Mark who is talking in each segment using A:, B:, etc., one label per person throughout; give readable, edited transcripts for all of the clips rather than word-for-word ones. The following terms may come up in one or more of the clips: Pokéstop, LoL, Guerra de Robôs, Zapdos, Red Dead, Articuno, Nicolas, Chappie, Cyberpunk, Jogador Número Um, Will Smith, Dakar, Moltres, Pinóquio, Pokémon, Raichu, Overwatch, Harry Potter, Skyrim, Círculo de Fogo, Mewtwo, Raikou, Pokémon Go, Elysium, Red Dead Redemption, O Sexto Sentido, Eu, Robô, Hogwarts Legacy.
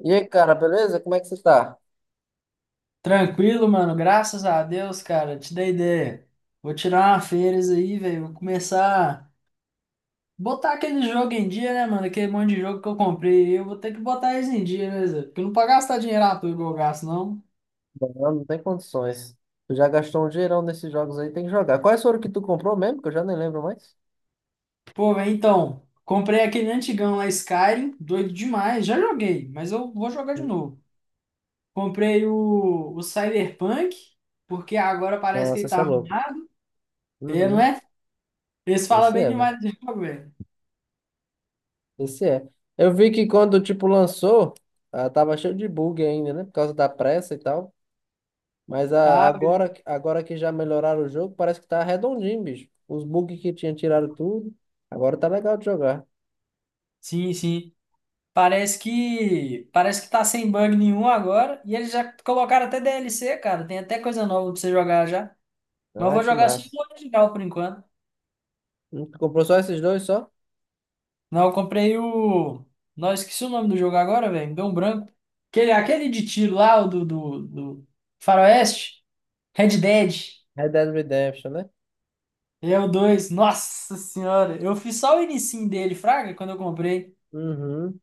A: E aí, cara, beleza? Como é que você tá?
B: Tranquilo, mano. Graças a Deus, cara. Te dei ideia. Vou tirar uma férias aí, velho. Vou começar a botar aquele jogo em dia, né, mano? Aquele monte de jogo que eu comprei. Eu vou ter que botar eles em dia, né, Zé? Porque não pra gastar dinheiro à toa igual eu gasto, não.
A: Não, não tem condições. Tu já gastou um dinheirão nesses jogos aí, tem que jogar. Quais foram que tu comprou mesmo? Que eu já nem lembro mais.
B: Pô, velho, então. Comprei aquele antigão lá, Skyrim. Doido demais. Já joguei, mas eu vou jogar de
A: Hum.
B: novo. Comprei o Cyberpunk, porque agora parece que
A: Nossa,
B: ele
A: você
B: tá
A: é louco.
B: arrumado. É, não
A: Uhum.
B: é? Eles falam
A: Esse
B: bem
A: é, velho.
B: demais do jogo, velho.
A: Esse é. Eu vi que quando, tipo, lançou, ah, tava cheio de bug ainda, né? Por causa da pressa e tal. Mas a-
B: Tá,
A: agora, agora que já melhoraram o jogo, parece que tá redondinho, bicho. Os bugs que tinha tiraram tudo. Agora tá legal de jogar.
B: sim, sim. Parece que tá sem bug nenhum agora e eles já colocaram até DLC, cara. Tem até coisa nova pra você jogar já. Mas eu
A: Ah,
B: vou
A: que
B: jogar só
A: massa.
B: o original por enquanto.
A: Hum. Tu comprou só esses dois, só?
B: Não, eu comprei o. Não, esqueci o nome do jogo agora, velho. Me deu um branco. Aquele de tiro lá, o do Faroeste. Red Dead.
A: Red Dead Redemption, né?
B: É o 2. Nossa senhora. Eu fiz só o inicinho dele, Fraga, quando eu comprei.
A: Uhum.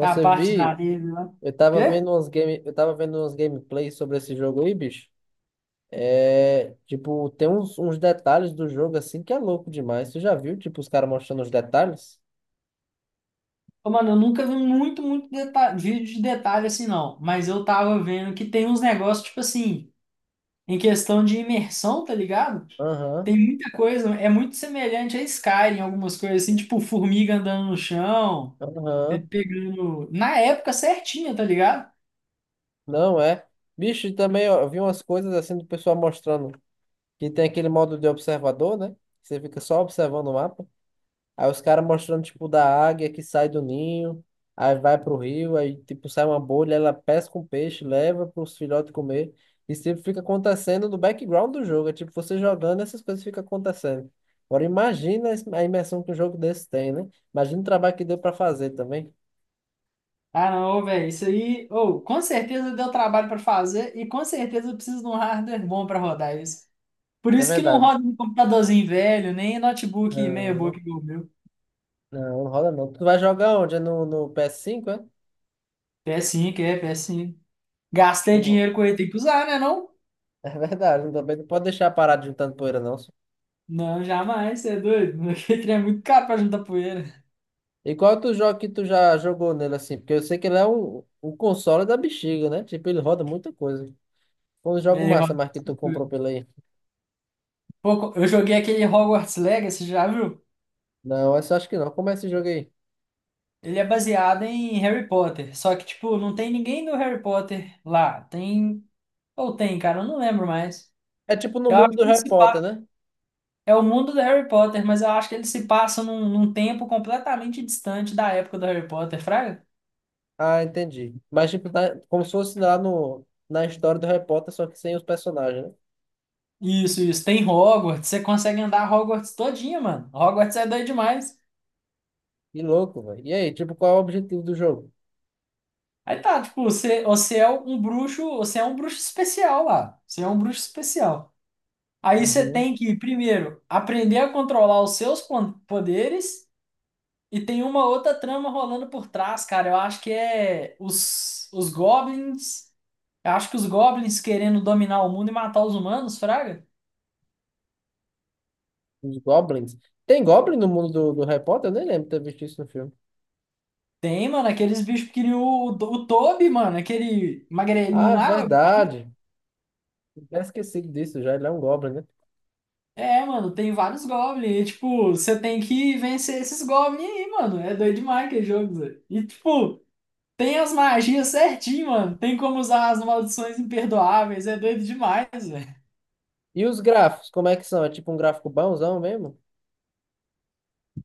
B: A parte da neve lá. Quê?
A: eu tava vendo uns gameplays sobre esse jogo aí, bicho. É, tipo, tem uns detalhes do jogo assim que é louco demais. Você já viu, tipo, os caras mostrando os detalhes?
B: Ô, mano, eu nunca vi muito deta- vídeo de detalhe assim, não. Mas eu tava vendo que tem uns negócios, tipo assim, em questão de imersão, tá ligado?
A: Aham,
B: Tem muita coisa, é muito semelhante a Skyrim, algumas coisas assim, tipo formiga andando no chão,
A: aham.
B: ele pegando. Na época certinha, tá ligado?
A: Não é. Bicho, e também ó, eu vi umas coisas assim do pessoal mostrando que tem aquele modo de observador, né? Você fica só observando o mapa. Aí os caras mostrando, tipo, da águia que sai do ninho, aí vai pro rio, aí, tipo, sai uma bolha, ela pesca um peixe, leva pros filhotes comer. Isso, tipo, fica acontecendo no background do jogo. É tipo, você jogando, essas coisas ficam acontecendo. Agora, imagina a imersão que um jogo desse tem, né? Imagina o trabalho que deu pra fazer também.
B: Ah, não, velho, isso aí, ou com certeza deu trabalho pra fazer e com certeza eu preciso de um hardware bom pra rodar isso. Por
A: É
B: isso que não
A: verdade.
B: roda no computadorzinho velho, nem notebook meia boca
A: Não,
B: igual o meu.
A: não, não rola não. Tu vai jogar onde? É no ps cinco é?
B: PS5, é, PS5. Gastei
A: No-
B: dinheiro com ele, tem que usar, né? Não?
A: É verdade, também não pode deixar parado juntando poeira, não.
B: Não, jamais, você é doido. Aquele trem é muito caro pra juntar poeira.
A: E qual é outro jogo que tu já jogou nele assim? Porque eu sei que ele é o console da bexiga, né? Tipo, ele roda muita coisa. Qual o
B: E
A: jogo
B: aí, rola
A: massa mais que tu
B: bastante coisa.
A: comprou pela aí?
B: Pô, eu joguei aquele Hogwarts Legacy, já viu?
A: Não, essa eu acho que não. Como é esse jogo aí?
B: Ele é baseado em Harry Potter. Só que, tipo, não tem ninguém do Harry Potter lá. Tem. Ou tem, cara, eu não lembro mais.
A: É tipo no
B: Eu
A: mundo
B: acho
A: do
B: que ele
A: Harry
B: se
A: Potter,
B: passa.
A: né?
B: É o mundo do Harry Potter, mas eu acho que ele se passa num, num tempo completamente distante da época do Harry Potter, fraga?
A: Ah, entendi. Mas tipo, tá, como se fosse lá no, na história do Harry Potter, só que sem os personagens, né?
B: Isso, isso. Tem Hogwarts, você consegue andar Hogwarts todinha, mano. Hogwarts é doido demais.
A: Que louco, velho. E aí, tipo, qual é o objetivo do jogo?
B: Aí tá, tipo, você é um bruxo, você é um bruxo especial lá. Você é um bruxo especial. Aí você
A: Uhum.
B: tem que, primeiro, aprender a controlar os seus pon- poderes e tem uma outra trama rolando por trás, cara. Eu acho que é os goblins. Eu acho que os goblins querendo dominar o mundo e matar os humanos, fraga.
A: Os Goblins. Tem Goblin no mundo do Harry Potter? Eu nem lembro de ter visto isso no filme.
B: Tem, mano, aqueles bichos que queriam o Toby, mano, aquele
A: Ah,
B: magrelinho
A: é
B: lá.
A: verdade. Eu tinha esquecido disso já. Ele é um Goblin, né?
B: É, mano, tem vários goblins. E, tipo, você tem que vencer esses goblins aí, mano. É doido demais aquele jogo, Zé. E, tipo, tem as magias certinho, mano. Tem como usar as maldições imperdoáveis. É doido demais, velho.
A: E os gráficos, como é que são? É tipo um gráfico bonzão mesmo?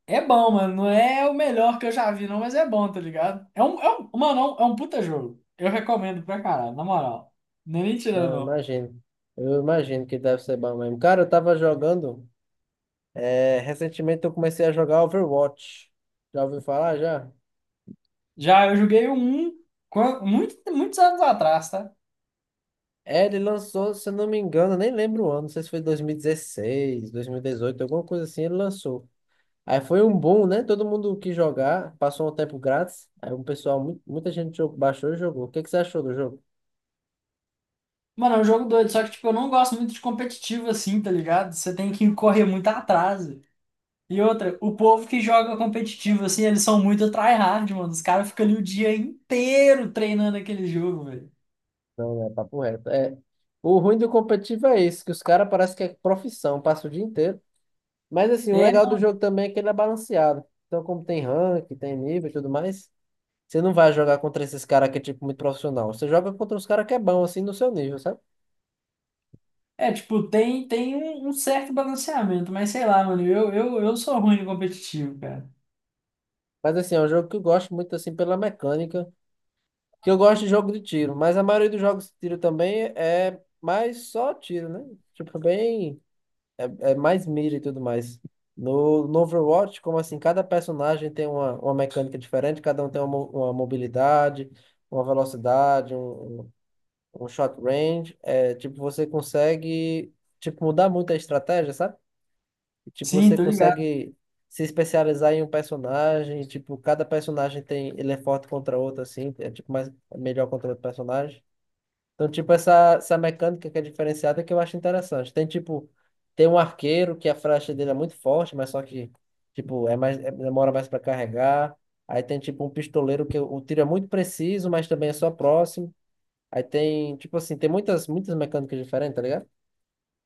B: É bom, mano. Não é o melhor que eu já vi, não, mas é bom, tá ligado? É um, mano, é um puta jogo. Eu recomendo pra caralho, na moral. Não é nem tirando,
A: Não, eu
B: não.
A: imagino. Eu imagino que deve ser bom mesmo. Cara, eu tava jogando. É, recentemente eu comecei a jogar Overwatch. Já ouviu falar já?
B: Já eu joguei um muitos anos atrás, tá?
A: É, ele lançou, se eu não me engano, eu nem lembro o ano, não sei se foi 2016, 2018 alguma coisa assim, ele lançou. Aí foi um boom, né? Todo mundo quis jogar, passou um tempo grátis. Aí um pessoal, muita gente baixou e jogou. O que que você achou do jogo?
B: Mano, é um jogo doido, só que, tipo, eu não gosto muito de competitivo assim, tá ligado? Você tem que correr muito atrás. E outra, o povo que joga competitivo, assim, eles são muito tryhard, mano. Os caras ficam ali o dia inteiro treinando aquele jogo, velho.
A: Não, é papo reto. É, o ruim do competitivo é esse, que os caras parece que é profissão, passa o dia inteiro. Mas assim, o
B: É,
A: legal do
B: não.
A: jogo também é que ele é balanceado. Então, como tem rank, tem nível e tudo mais, você não vai jogar contra esses caras que é tipo muito profissional. Você joga contra os caras que é bom, assim, no seu nível, sabe?
B: É, tipo, tem um certo balanceamento, mas sei lá, mano, eu sou ruim de competitivo, cara.
A: Mas assim, é um jogo que eu gosto muito, assim, pela mecânica. Que eu gosto de jogo de tiro, mas a maioria dos jogos de tiro também é mais só tiro, né? Tipo, bem. É mais mira e tudo mais. No Overwatch, como assim, cada personagem tem uma mecânica diferente, cada um tem uma mobilidade, uma velocidade, um shot range. É, tipo, você consegue, tipo, mudar muito a estratégia, sabe? Tipo,
B: Sim,
A: você
B: tô ligado.
A: consegue se especializar em um personagem, tipo, cada personagem tem, ele é forte contra outro, assim, é tipo mais, melhor contra outro personagem. Então, tipo, essa mecânica que é diferenciada que eu acho interessante. Tem, tipo, tem um arqueiro que a flecha dele é muito forte, mas só que, tipo, é mais, demora mais para carregar. Aí tem, tipo, um pistoleiro que o tiro é muito preciso, mas também é só próximo. Aí tem, tipo assim, tem muitas mecânicas diferentes, tá ligado?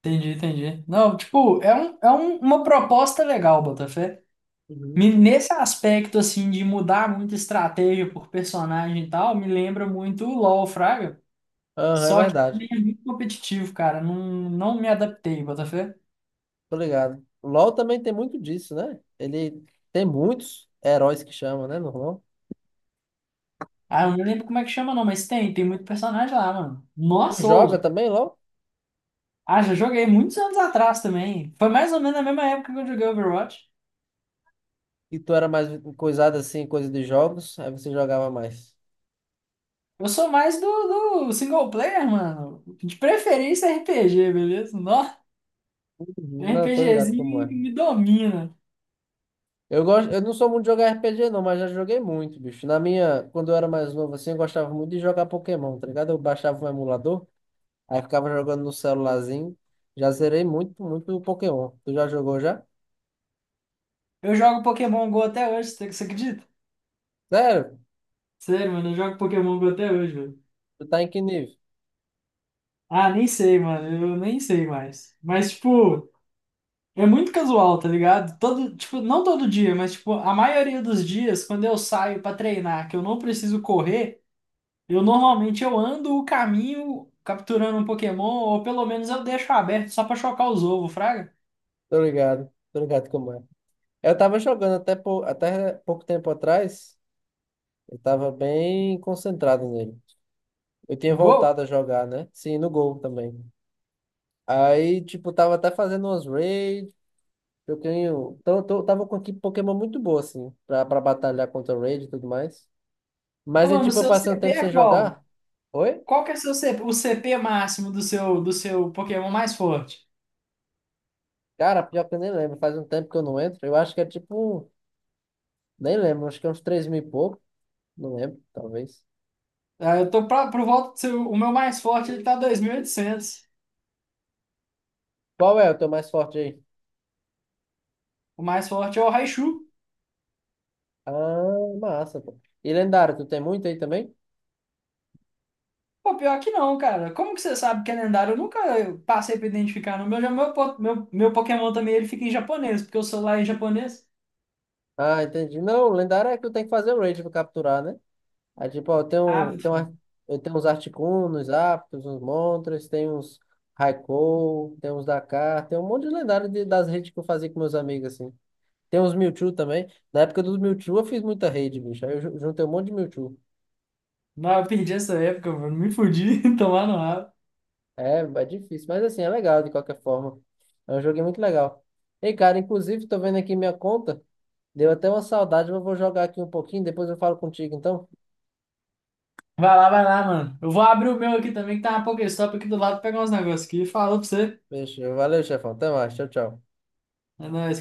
B: Entendi, entendi. Não, tipo, é uma proposta legal, Botafé.
A: Uhum.
B: Me- Nesse aspecto, assim, de mudar muita estratégia por personagem e tal, me lembra muito o LoL, Fraga.
A: Aham, é
B: Só que
A: verdade.
B: também é muito competitivo, cara. Não, não me adaptei, Botafé.
A: Tô ligado. O LoL também tem muito disso, né? Ele tem muitos heróis que chamam, né, no LoL.
B: Ah, eu não lembro como é que chama, não, mas tem muito personagem lá, mano.
A: Tu
B: Nossa,
A: joga
B: ou.
A: também, LoL?
B: Ah, já joguei muitos anos atrás também. Foi mais ou menos na mesma época que eu joguei Overwatch.
A: E tu era mais coisado assim, coisa de jogos, aí você jogava mais.
B: Eu sou mais do single player, mano. De preferência RPG, beleza? Nossa,
A: Não, tô ligado como
B: RPGzinho
A: é.
B: me domina.
A: Eu gosto, eu não sou muito de jogar RPG não, mas já joguei muito, bicho. Quando eu era mais novo assim, eu gostava muito de jogar Pokémon, tá ligado? Eu baixava um emulador, aí ficava jogando no celularzinho. Já zerei muito, muito o Pokémon. Tu já jogou já?
B: Eu jogo Pokémon Go até hoje, você acredita?
A: Sério?
B: Sério, mano, eu jogo Pokémon Go até hoje, mano.
A: Tu tá em que nível?
B: Ah, nem sei, mano, eu nem sei mais. Mas, tipo, é muito casual, tá ligado? Todo, tipo, não todo dia, mas, tipo, a maioria dos dias, quando eu saio pra treinar, que eu não preciso correr, eu normalmente eu ando o caminho capturando um Pokémon, ou pelo menos eu deixo aberto só pra chocar os ovos, fraga?
A: Tô ligado como é. Eu tava jogando até, até pouco tempo atrás, eu tava bem concentrado nele. Eu tinha
B: No gol?
A: voltado a jogar, né? Sim, no Gol também. Aí, tipo, tava até fazendo umas raids, eu tenho. Então, eu tava com aqui Pokémon muito boa, assim, pra batalhar contra o raid e tudo mais.
B: Ô,
A: Mas é
B: mano, o
A: tipo, eu
B: seu
A: passei um
B: CP
A: tempo
B: é
A: sem jogar.
B: qual?
A: Oi?
B: Qual que é o seu CP, o CP máximo do seu Pokémon mais forte?
A: Cara, pior que eu nem lembro. Faz um tempo que eu não entro. Eu acho que é tipo. Nem lembro, acho que é uns 3 mil e pouco. Não lembro, talvez.
B: Ah, eu tô pra, por volta do seu, o meu mais forte ele tá 2.800.
A: Qual é o teu mais forte aí?
B: O mais forte é o Raichu.
A: Ah, massa, pô. E lendário, tu tem muito aí também?
B: Pô, pior que não, cara. Como que você sabe que é lendário? Eu nunca passei pra identificar. No meu, já meu, po- meu Pokémon também ele fica em japonês, porque o celular é em japonês.
A: Ah, entendi. Não, lendário é que tu tem que fazer o raid pra capturar, né? Aí, tipo, ó,
B: Ah,
A: eu tenho uns Articuno, uns Zapdos, uns Moltres, tem uns Raikou, tem uns Dakar, tem um monte de lendário das redes que eu fazia com meus amigos, assim. Tem uns Mewtwo também. Na época dos Mewtwo eu fiz muita rede, bicho. Aí eu juntei um monte de Mewtwo.
B: não, eu perdi essa época, mano. Me fudi, tomar no rabo.
A: É, é difícil, mas assim, é legal de qualquer forma. É um jogo muito legal. Ei, cara, inclusive, tô vendo aqui minha conta. Deu até uma saudade, mas eu vou jogar aqui um pouquinho, depois eu falo contigo, então.
B: Vai lá, mano. Eu vou abrir o meu aqui também, que tá uma Pokéstop aqui do lado, pegar uns negócios aqui e falou pra você.
A: Beijo, valeu, chefão. Até mais, tchau, tchau.
B: É nóis.